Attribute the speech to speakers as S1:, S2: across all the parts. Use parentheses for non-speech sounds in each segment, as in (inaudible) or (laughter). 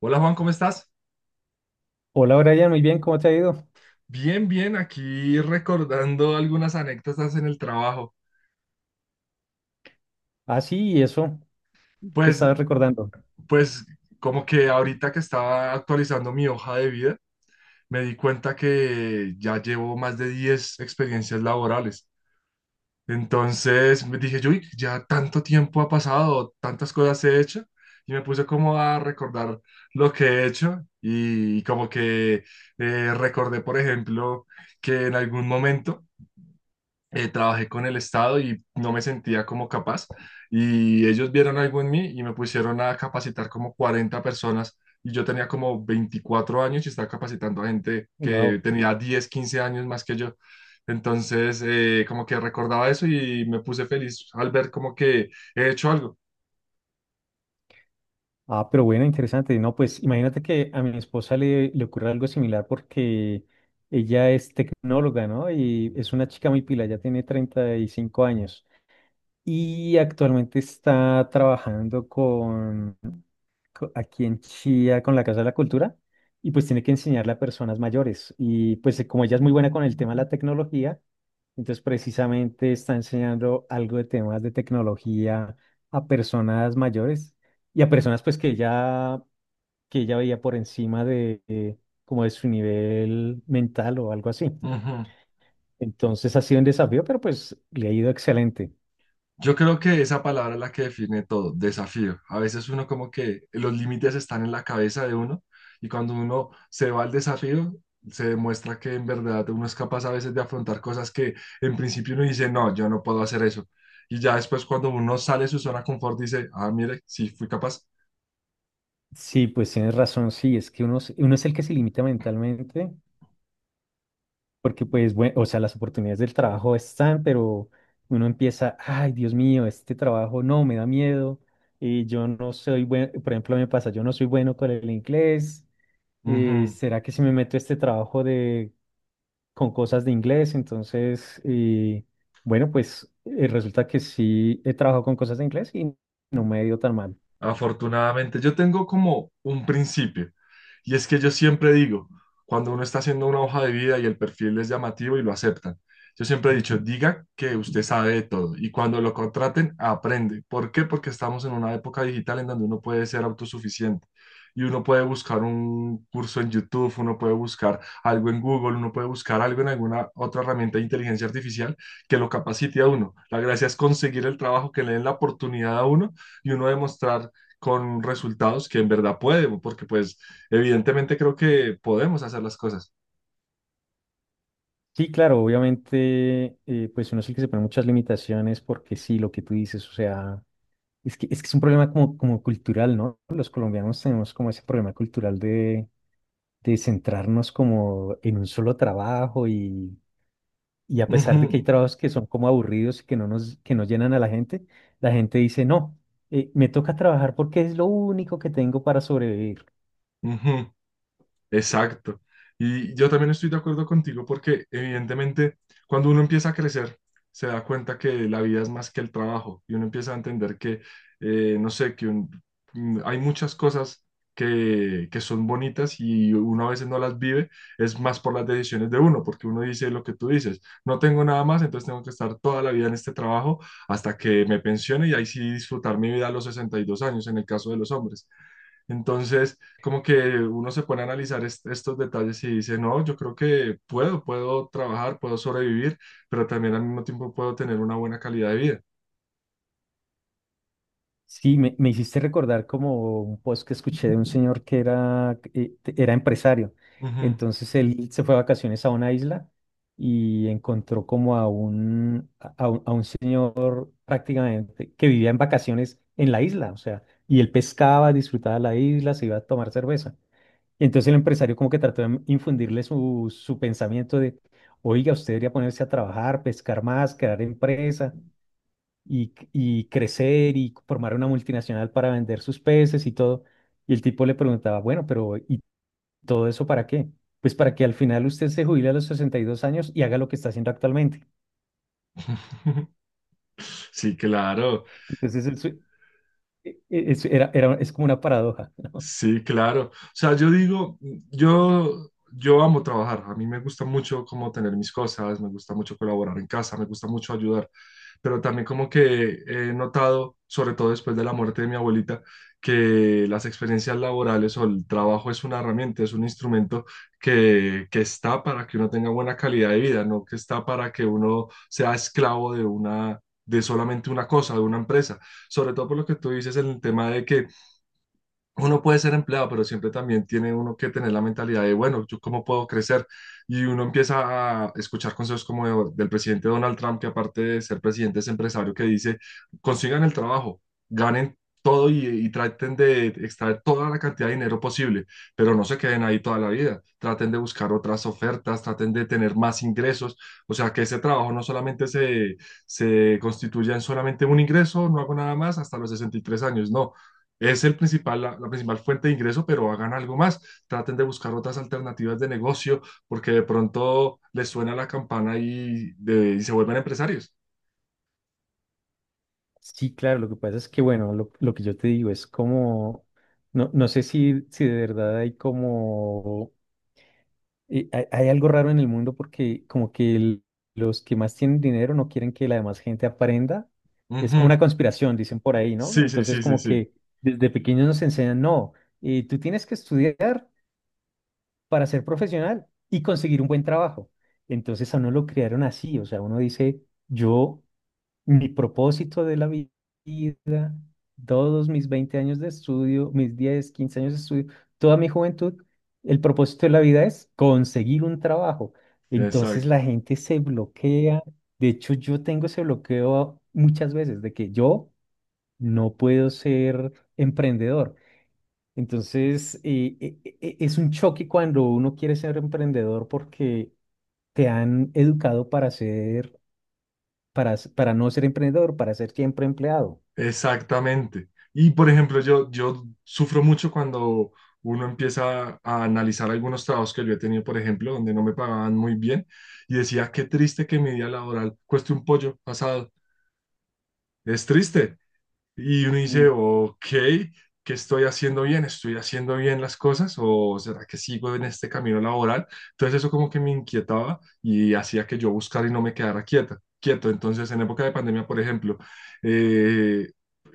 S1: Hola Juan, ¿cómo estás?
S2: Hola Brian, muy bien, ¿cómo te ha ido?
S1: Bien, bien, aquí recordando algunas anécdotas en el trabajo.
S2: Ah, sí, ¿y eso que
S1: Pues,
S2: estabas recordando?
S1: pues como que ahorita que estaba actualizando mi hoja de vida, me di cuenta que ya llevo más de 10 experiencias laborales. Entonces me dije, yo "Uy, ya tanto tiempo ha pasado, tantas cosas he hecho, y me puse como a recordar lo que he hecho y como que recordé, por ejemplo, que en algún momento trabajé con el Estado y no me sentía como capaz. Y ellos vieron algo en mí y me pusieron a capacitar como 40 personas. Y yo tenía como 24 años y estaba capacitando a gente que
S2: Wow.
S1: tenía 10 15 años más que yo. Entonces, como que recordaba eso y me puse feliz al ver como que he hecho algo.
S2: Ah, pero bueno, interesante. No, pues imagínate que a mi esposa le ocurre algo similar porque ella es tecnóloga, ¿no? Y es una chica muy pila, ya tiene 35 años y actualmente está trabajando aquí en Chía con la Casa de la Cultura y pues tiene que enseñarle a personas mayores. Y pues como ella es muy buena con el tema de la tecnología. Entonces, precisamente está enseñando algo de temas de tecnología a personas mayores y a personas pues que ya que ella veía por encima de como de su nivel mental o algo así.
S1: Ujú.
S2: Entonces ha sido un desafío, pero pues le ha ido excelente.
S1: Yo creo que esa palabra es la que define todo, desafío. A veces uno como que los límites están en la cabeza de uno y cuando uno se va al desafío, se demuestra que en verdad uno es capaz a veces de afrontar cosas que en principio uno dice, no, yo no puedo hacer eso. Y ya después cuando uno sale de su zona de confort dice, ah, mire, sí fui capaz.
S2: Sí, pues tienes razón, sí, es que uno, uno es el que se limita mentalmente. Porque pues, bueno, o sea, las oportunidades del trabajo están, pero uno empieza, ay, Dios mío, este trabajo no, me da miedo, yo no soy bueno, por ejemplo, me pasa, yo no soy bueno con el inglés,
S1: Ujú.
S2: ¿será que si me meto a este trabajo de, con cosas de inglés? Entonces, bueno, pues resulta que sí he trabajado con cosas de inglés y no me ha ido tan mal.
S1: Afortunadamente, yo tengo como un principio, y es que yo siempre digo, cuando uno está haciendo una hoja de vida y el perfil es llamativo y lo aceptan, yo siempre he dicho, diga que usted sabe de todo, y cuando lo contraten, aprende. ¿Por qué? Porque estamos en una época digital en donde uno puede ser autosuficiente. Y uno puede buscar un curso en YouTube, uno puede buscar algo en Google, uno puede buscar algo en alguna otra herramienta de inteligencia artificial que lo capacite a uno. La gracia es conseguir el trabajo, que le den la oportunidad a uno y uno demostrar con resultados que en verdad puede, porque pues evidentemente creo que podemos hacer las cosas.
S2: Sí, claro, obviamente, pues uno es el que se pone muchas limitaciones porque sí, lo que tú dices, o sea. Es que, es que es un problema como, como cultural, ¿no? Los colombianos tenemos como ese problema cultural de centrarnos como en un solo trabajo y a pesar de que
S1: Ujú,
S2: hay trabajos que son como aburridos y que no llenan a la gente dice, no, me toca trabajar porque es lo único que tengo para sobrevivir.
S1: ujú. Exacto. Y yo también estoy de acuerdo contigo porque evidentemente cuando uno empieza a crecer, se da cuenta que la vida es más que el trabajo y uno empieza a entender que, no sé, que hay muchas cosas que son bonitas y uno a veces no las vive, es más por las decisiones de uno, porque uno dice lo que tú dices, no tengo nada más, entonces tengo que estar toda la vida en este trabajo hasta que me pensione y ahí sí disfrutar mi vida a los 62 años en el caso de los hombres. Entonces, como que uno se pone a analizar estos detalles y dice, no, yo creo que puedo, puedo trabajar, puedo sobrevivir, pero también al mismo tiempo puedo tener una buena calidad de vida.
S2: Sí, me hiciste recordar como un post que escuché de un señor que era, era empresario.
S1: Ujú.
S2: Entonces él se fue a vacaciones a una isla y encontró como a un, a un señor prácticamente que vivía en vacaciones en la isla. O sea, y él pescaba, disfrutaba la isla, se iba a tomar cerveza. Entonces el empresario como que trató de infundirle su pensamiento de, oiga, usted debería ponerse a trabajar, pescar más, crear empresa y crecer y formar una multinacional para vender sus peces y todo. Y el tipo le preguntaba, bueno, pero ¿y todo eso para qué? Pues para que al final usted se jubile a los 62 años y haga lo que está haciendo actualmente.
S1: (laughs) Sí, claro.
S2: Entonces, es como una paradoja.
S1: Sí, claro. O sea, yo digo, yo amo trabajar. A mí me gusta mucho como tener mis cosas, me gusta mucho colaborar en casa, me gusta mucho ayudar. Pero también como que he notado, sobre todo después de la muerte de mi abuelita, que las experiencias laborales o el trabajo es una herramienta, es un instrumento que está para que uno tenga buena calidad de vida, no que está para que uno sea esclavo de una, de solamente una cosa, de una empresa. Sobre todo por lo que tú dices en el tema de que uno puede ser empleado, pero siempre también tiene uno que tener la mentalidad de, bueno, ¿yo cómo puedo crecer? Y uno empieza a escuchar consejos como del presidente Donald Trump, que aparte de ser presidente es empresario, que dice, consigan el trabajo, ganen todo y traten de extraer toda la cantidad de dinero posible, pero no se queden ahí toda la vida. Traten de buscar otras ofertas, traten de tener más ingresos. O sea, que ese trabajo no solamente se, se constituya en solamente un ingreso, no hago nada más hasta los 63 años, no es el principal, la principal fuente de ingreso, pero hagan algo más. Traten de buscar otras alternativas de negocio porque de pronto les suena la campana y se vuelven empresarios.
S2: Sí, claro, lo que pasa es que, bueno, lo que yo te digo es como, no, no sé si de verdad hay como, hay algo raro en el mundo porque como que los que más tienen dinero no quieren que la demás gente aprenda. Es como
S1: Ujú.
S2: una conspiración, dicen por ahí, ¿no?
S1: Sí, sí,
S2: Entonces
S1: sí, sí,
S2: como
S1: sí.
S2: que desde pequeños nos enseñan, no, tú tienes que estudiar para ser profesional y conseguir un buen trabajo. Entonces a uno lo criaron así, o sea, uno dice, yo mi propósito de la vida, todos mis 20 años de estudio, mis 10 15 años de estudio, toda mi juventud, el propósito de la vida es conseguir un trabajo. Entonces
S1: Exacto.
S2: la gente se bloquea. De hecho, yo tengo ese bloqueo muchas veces de que yo no puedo ser emprendedor. Entonces, es un choque cuando uno quiere ser emprendedor porque te han educado para ser, para, para no ser emprendedor, para ser siempre empleado.
S1: Exactamente. Y por ejemplo, yo sufro mucho cuando uno empieza a analizar algunos trabajos que yo he tenido, por ejemplo, donde no me pagaban muy bien y decía, qué triste que mi día laboral cueste un pollo asado. Es triste. Y uno dice,
S2: Uf.
S1: ok, ¿qué estoy haciendo bien? ¿Estoy haciendo bien las cosas? ¿O será que sigo en este camino laboral? Entonces eso como que me inquietaba y hacía que yo buscara y no me quedara quieta, quieto. Entonces en época de pandemia, por ejemplo, eh,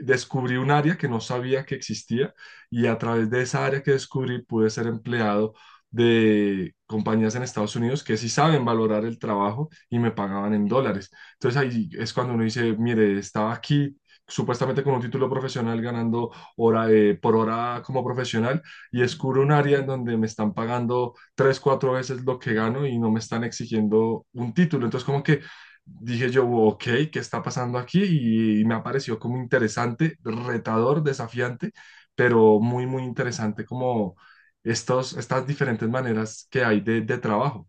S1: descubrí un área que no sabía que existía y a través de esa área que descubrí pude ser empleado de compañías en Estados Unidos que sí saben valorar el trabajo y me pagaban en dólares. Entonces ahí es cuando uno dice, mire, estaba aquí supuestamente con un título profesional ganando hora, por hora como profesional y descubro un área en donde me están pagando tres, cuatro veces lo que gano y no me están exigiendo un título. Entonces como que dije yo, ok, ¿qué está pasando aquí? Y me apareció como interesante, retador, desafiante, pero muy, muy interesante como estos, estas diferentes maneras que hay de, trabajo.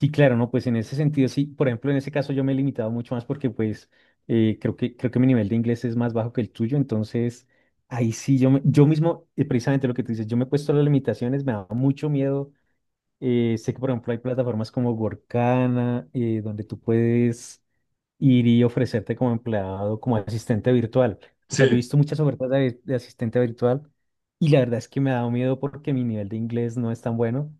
S2: Sí, claro, no, pues en ese sentido sí, por ejemplo, en ese caso yo me he limitado mucho más porque pues creo que mi nivel de inglés es más bajo que el tuyo, entonces ahí sí, yo mismo, precisamente lo que tú dices, yo me he puesto las limitaciones, me da mucho miedo, sé que por ejemplo hay plataformas como Workana, donde tú puedes ir y ofrecerte como empleado, como asistente virtual, o sea, yo he
S1: Sí,
S2: visto muchas ofertas de asistente virtual y la verdad es que me ha dado miedo porque mi nivel de inglés no es tan bueno.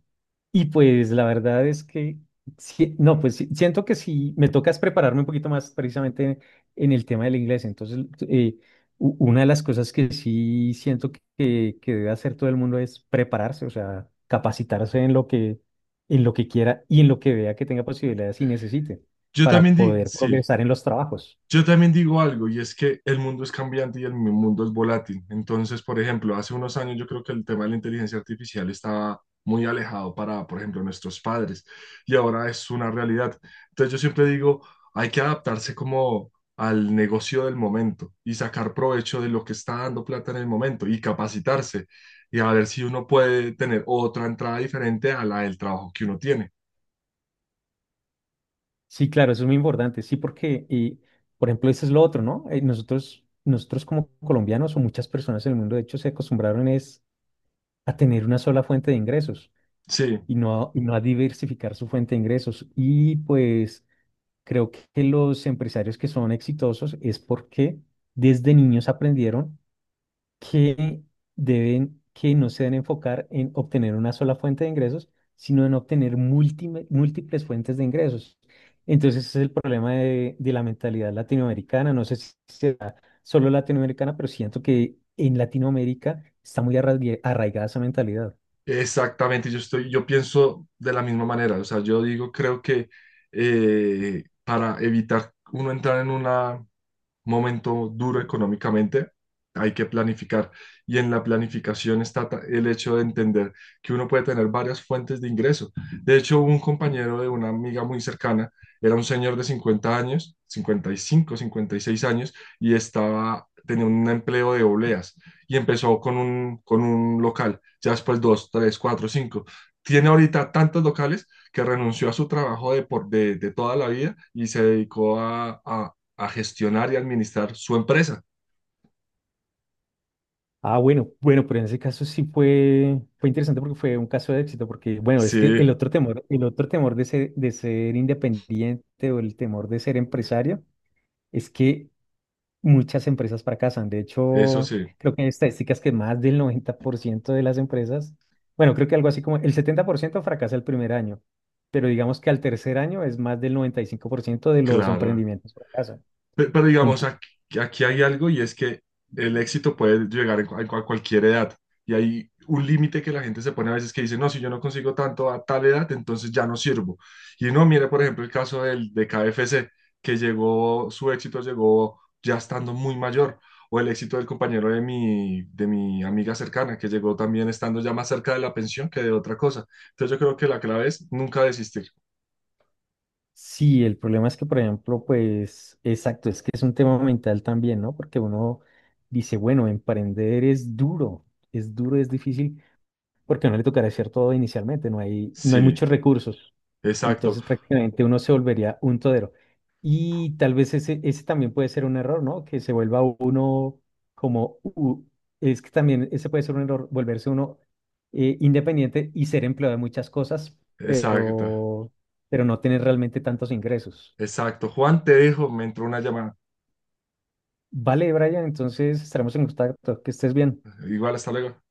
S2: Y pues la verdad es que, no, pues sí, siento que si me toca es prepararme un poquito más precisamente en el tema del inglés. Entonces, una de las cosas que sí siento que debe hacer todo el mundo es prepararse, o sea, capacitarse en lo que, quiera y en lo que vea que tenga posibilidades y necesite
S1: yo
S2: para
S1: también
S2: poder
S1: sí.
S2: progresar en los trabajos.
S1: Yo también digo algo, y es que el mundo es cambiante y el mundo es volátil. Entonces, por ejemplo, hace unos años yo creo que el tema de la inteligencia artificial estaba muy alejado para, por ejemplo, nuestros padres, y ahora es una realidad. Entonces, yo siempre digo, hay que adaptarse como al negocio del momento y sacar provecho de lo que está dando plata en el momento y capacitarse y a ver si uno puede tener otra entrada diferente a la del trabajo que uno tiene.
S2: Sí, claro, eso es muy importante. Sí, porque, por ejemplo, eso es lo otro, ¿no? Nosotros como colombianos o muchas personas en el mundo, de hecho, se acostumbraron es a tener una sola fuente de ingresos
S1: Sí.
S2: y no a diversificar su fuente de ingresos. Y pues creo que los empresarios que son exitosos es porque desde niños aprendieron que deben, que no se deben enfocar en obtener una sola fuente de ingresos, sino en obtener múltiples fuentes de ingresos. Entonces ese es el problema de la mentalidad latinoamericana. No sé si será solo latinoamericana, pero siento que en Latinoamérica está muy arraigada esa mentalidad.
S1: Exactamente, yo estoy, yo pienso de la misma manera, o sea, yo digo, creo que para evitar uno entrar en una momento duro económicamente, hay que planificar. Y en la planificación está el hecho de entender que uno puede tener varias fuentes de ingreso. De hecho, un compañero de una amiga muy cercana era un señor de 50 años, 50 55 56 años, y estaba, tenía un empleo de obleas y empezó con un, local, ya después dos, tres, cuatro, cinco. Tiene ahorita tantos locales que renunció a su trabajo de, por, de, de toda la vida y se dedicó a, a gestionar y administrar su empresa.
S2: Ah, bueno, bueno, pero en ese caso sí fue, fue interesante porque fue un caso de éxito, porque bueno, es que
S1: Sí,
S2: el otro temor de ser independiente o el temor de ser empresario es que muchas empresas fracasan. De
S1: eso
S2: hecho,
S1: sí,
S2: creo que hay estadísticas que más del 90 por ciento de las empresas, bueno, creo que algo así como el 70 por ciento fracasa el primer año, pero digamos que al tercer año es más del 95 por ciento de los
S1: claro.
S2: emprendimientos fracasan.
S1: Pero, digamos, aquí, aquí hay algo y es que el éxito puede llegar a cualquier edad. Y hay un límite que la gente se pone a veces que dice, no, si yo no consigo tanto a tal edad, entonces ya no sirvo. Y no, mire, por ejemplo, el caso del, de KFC, que llegó, su éxito llegó ya estando muy mayor. O el éxito del compañero de mi amiga cercana, que llegó también estando ya más cerca de la pensión que de otra cosa. Entonces yo creo que la clave es nunca desistir.
S2: Sí, el problema es que, por ejemplo, pues, exacto, es que es un tema mental también, ¿no? Porque uno dice, bueno, emprender es duro, es duro, es difícil, porque no le tocará hacer todo inicialmente, no hay
S1: Sí,
S2: muchos recursos.
S1: exacto,
S2: Entonces prácticamente uno se volvería un todero. Y tal vez ese también puede ser un error, ¿no? Que se vuelva uno como... u- es que también ese puede ser un error, volverse uno independiente y ser empleado de muchas cosas,
S1: exacto.
S2: pero, pero no tener realmente tantos ingresos.
S1: Exacto. Juan, te dejo, me entró una llamada.
S2: Vale, Brian, entonces estaremos en contacto. Que estés bien.
S1: Igual, hasta luego.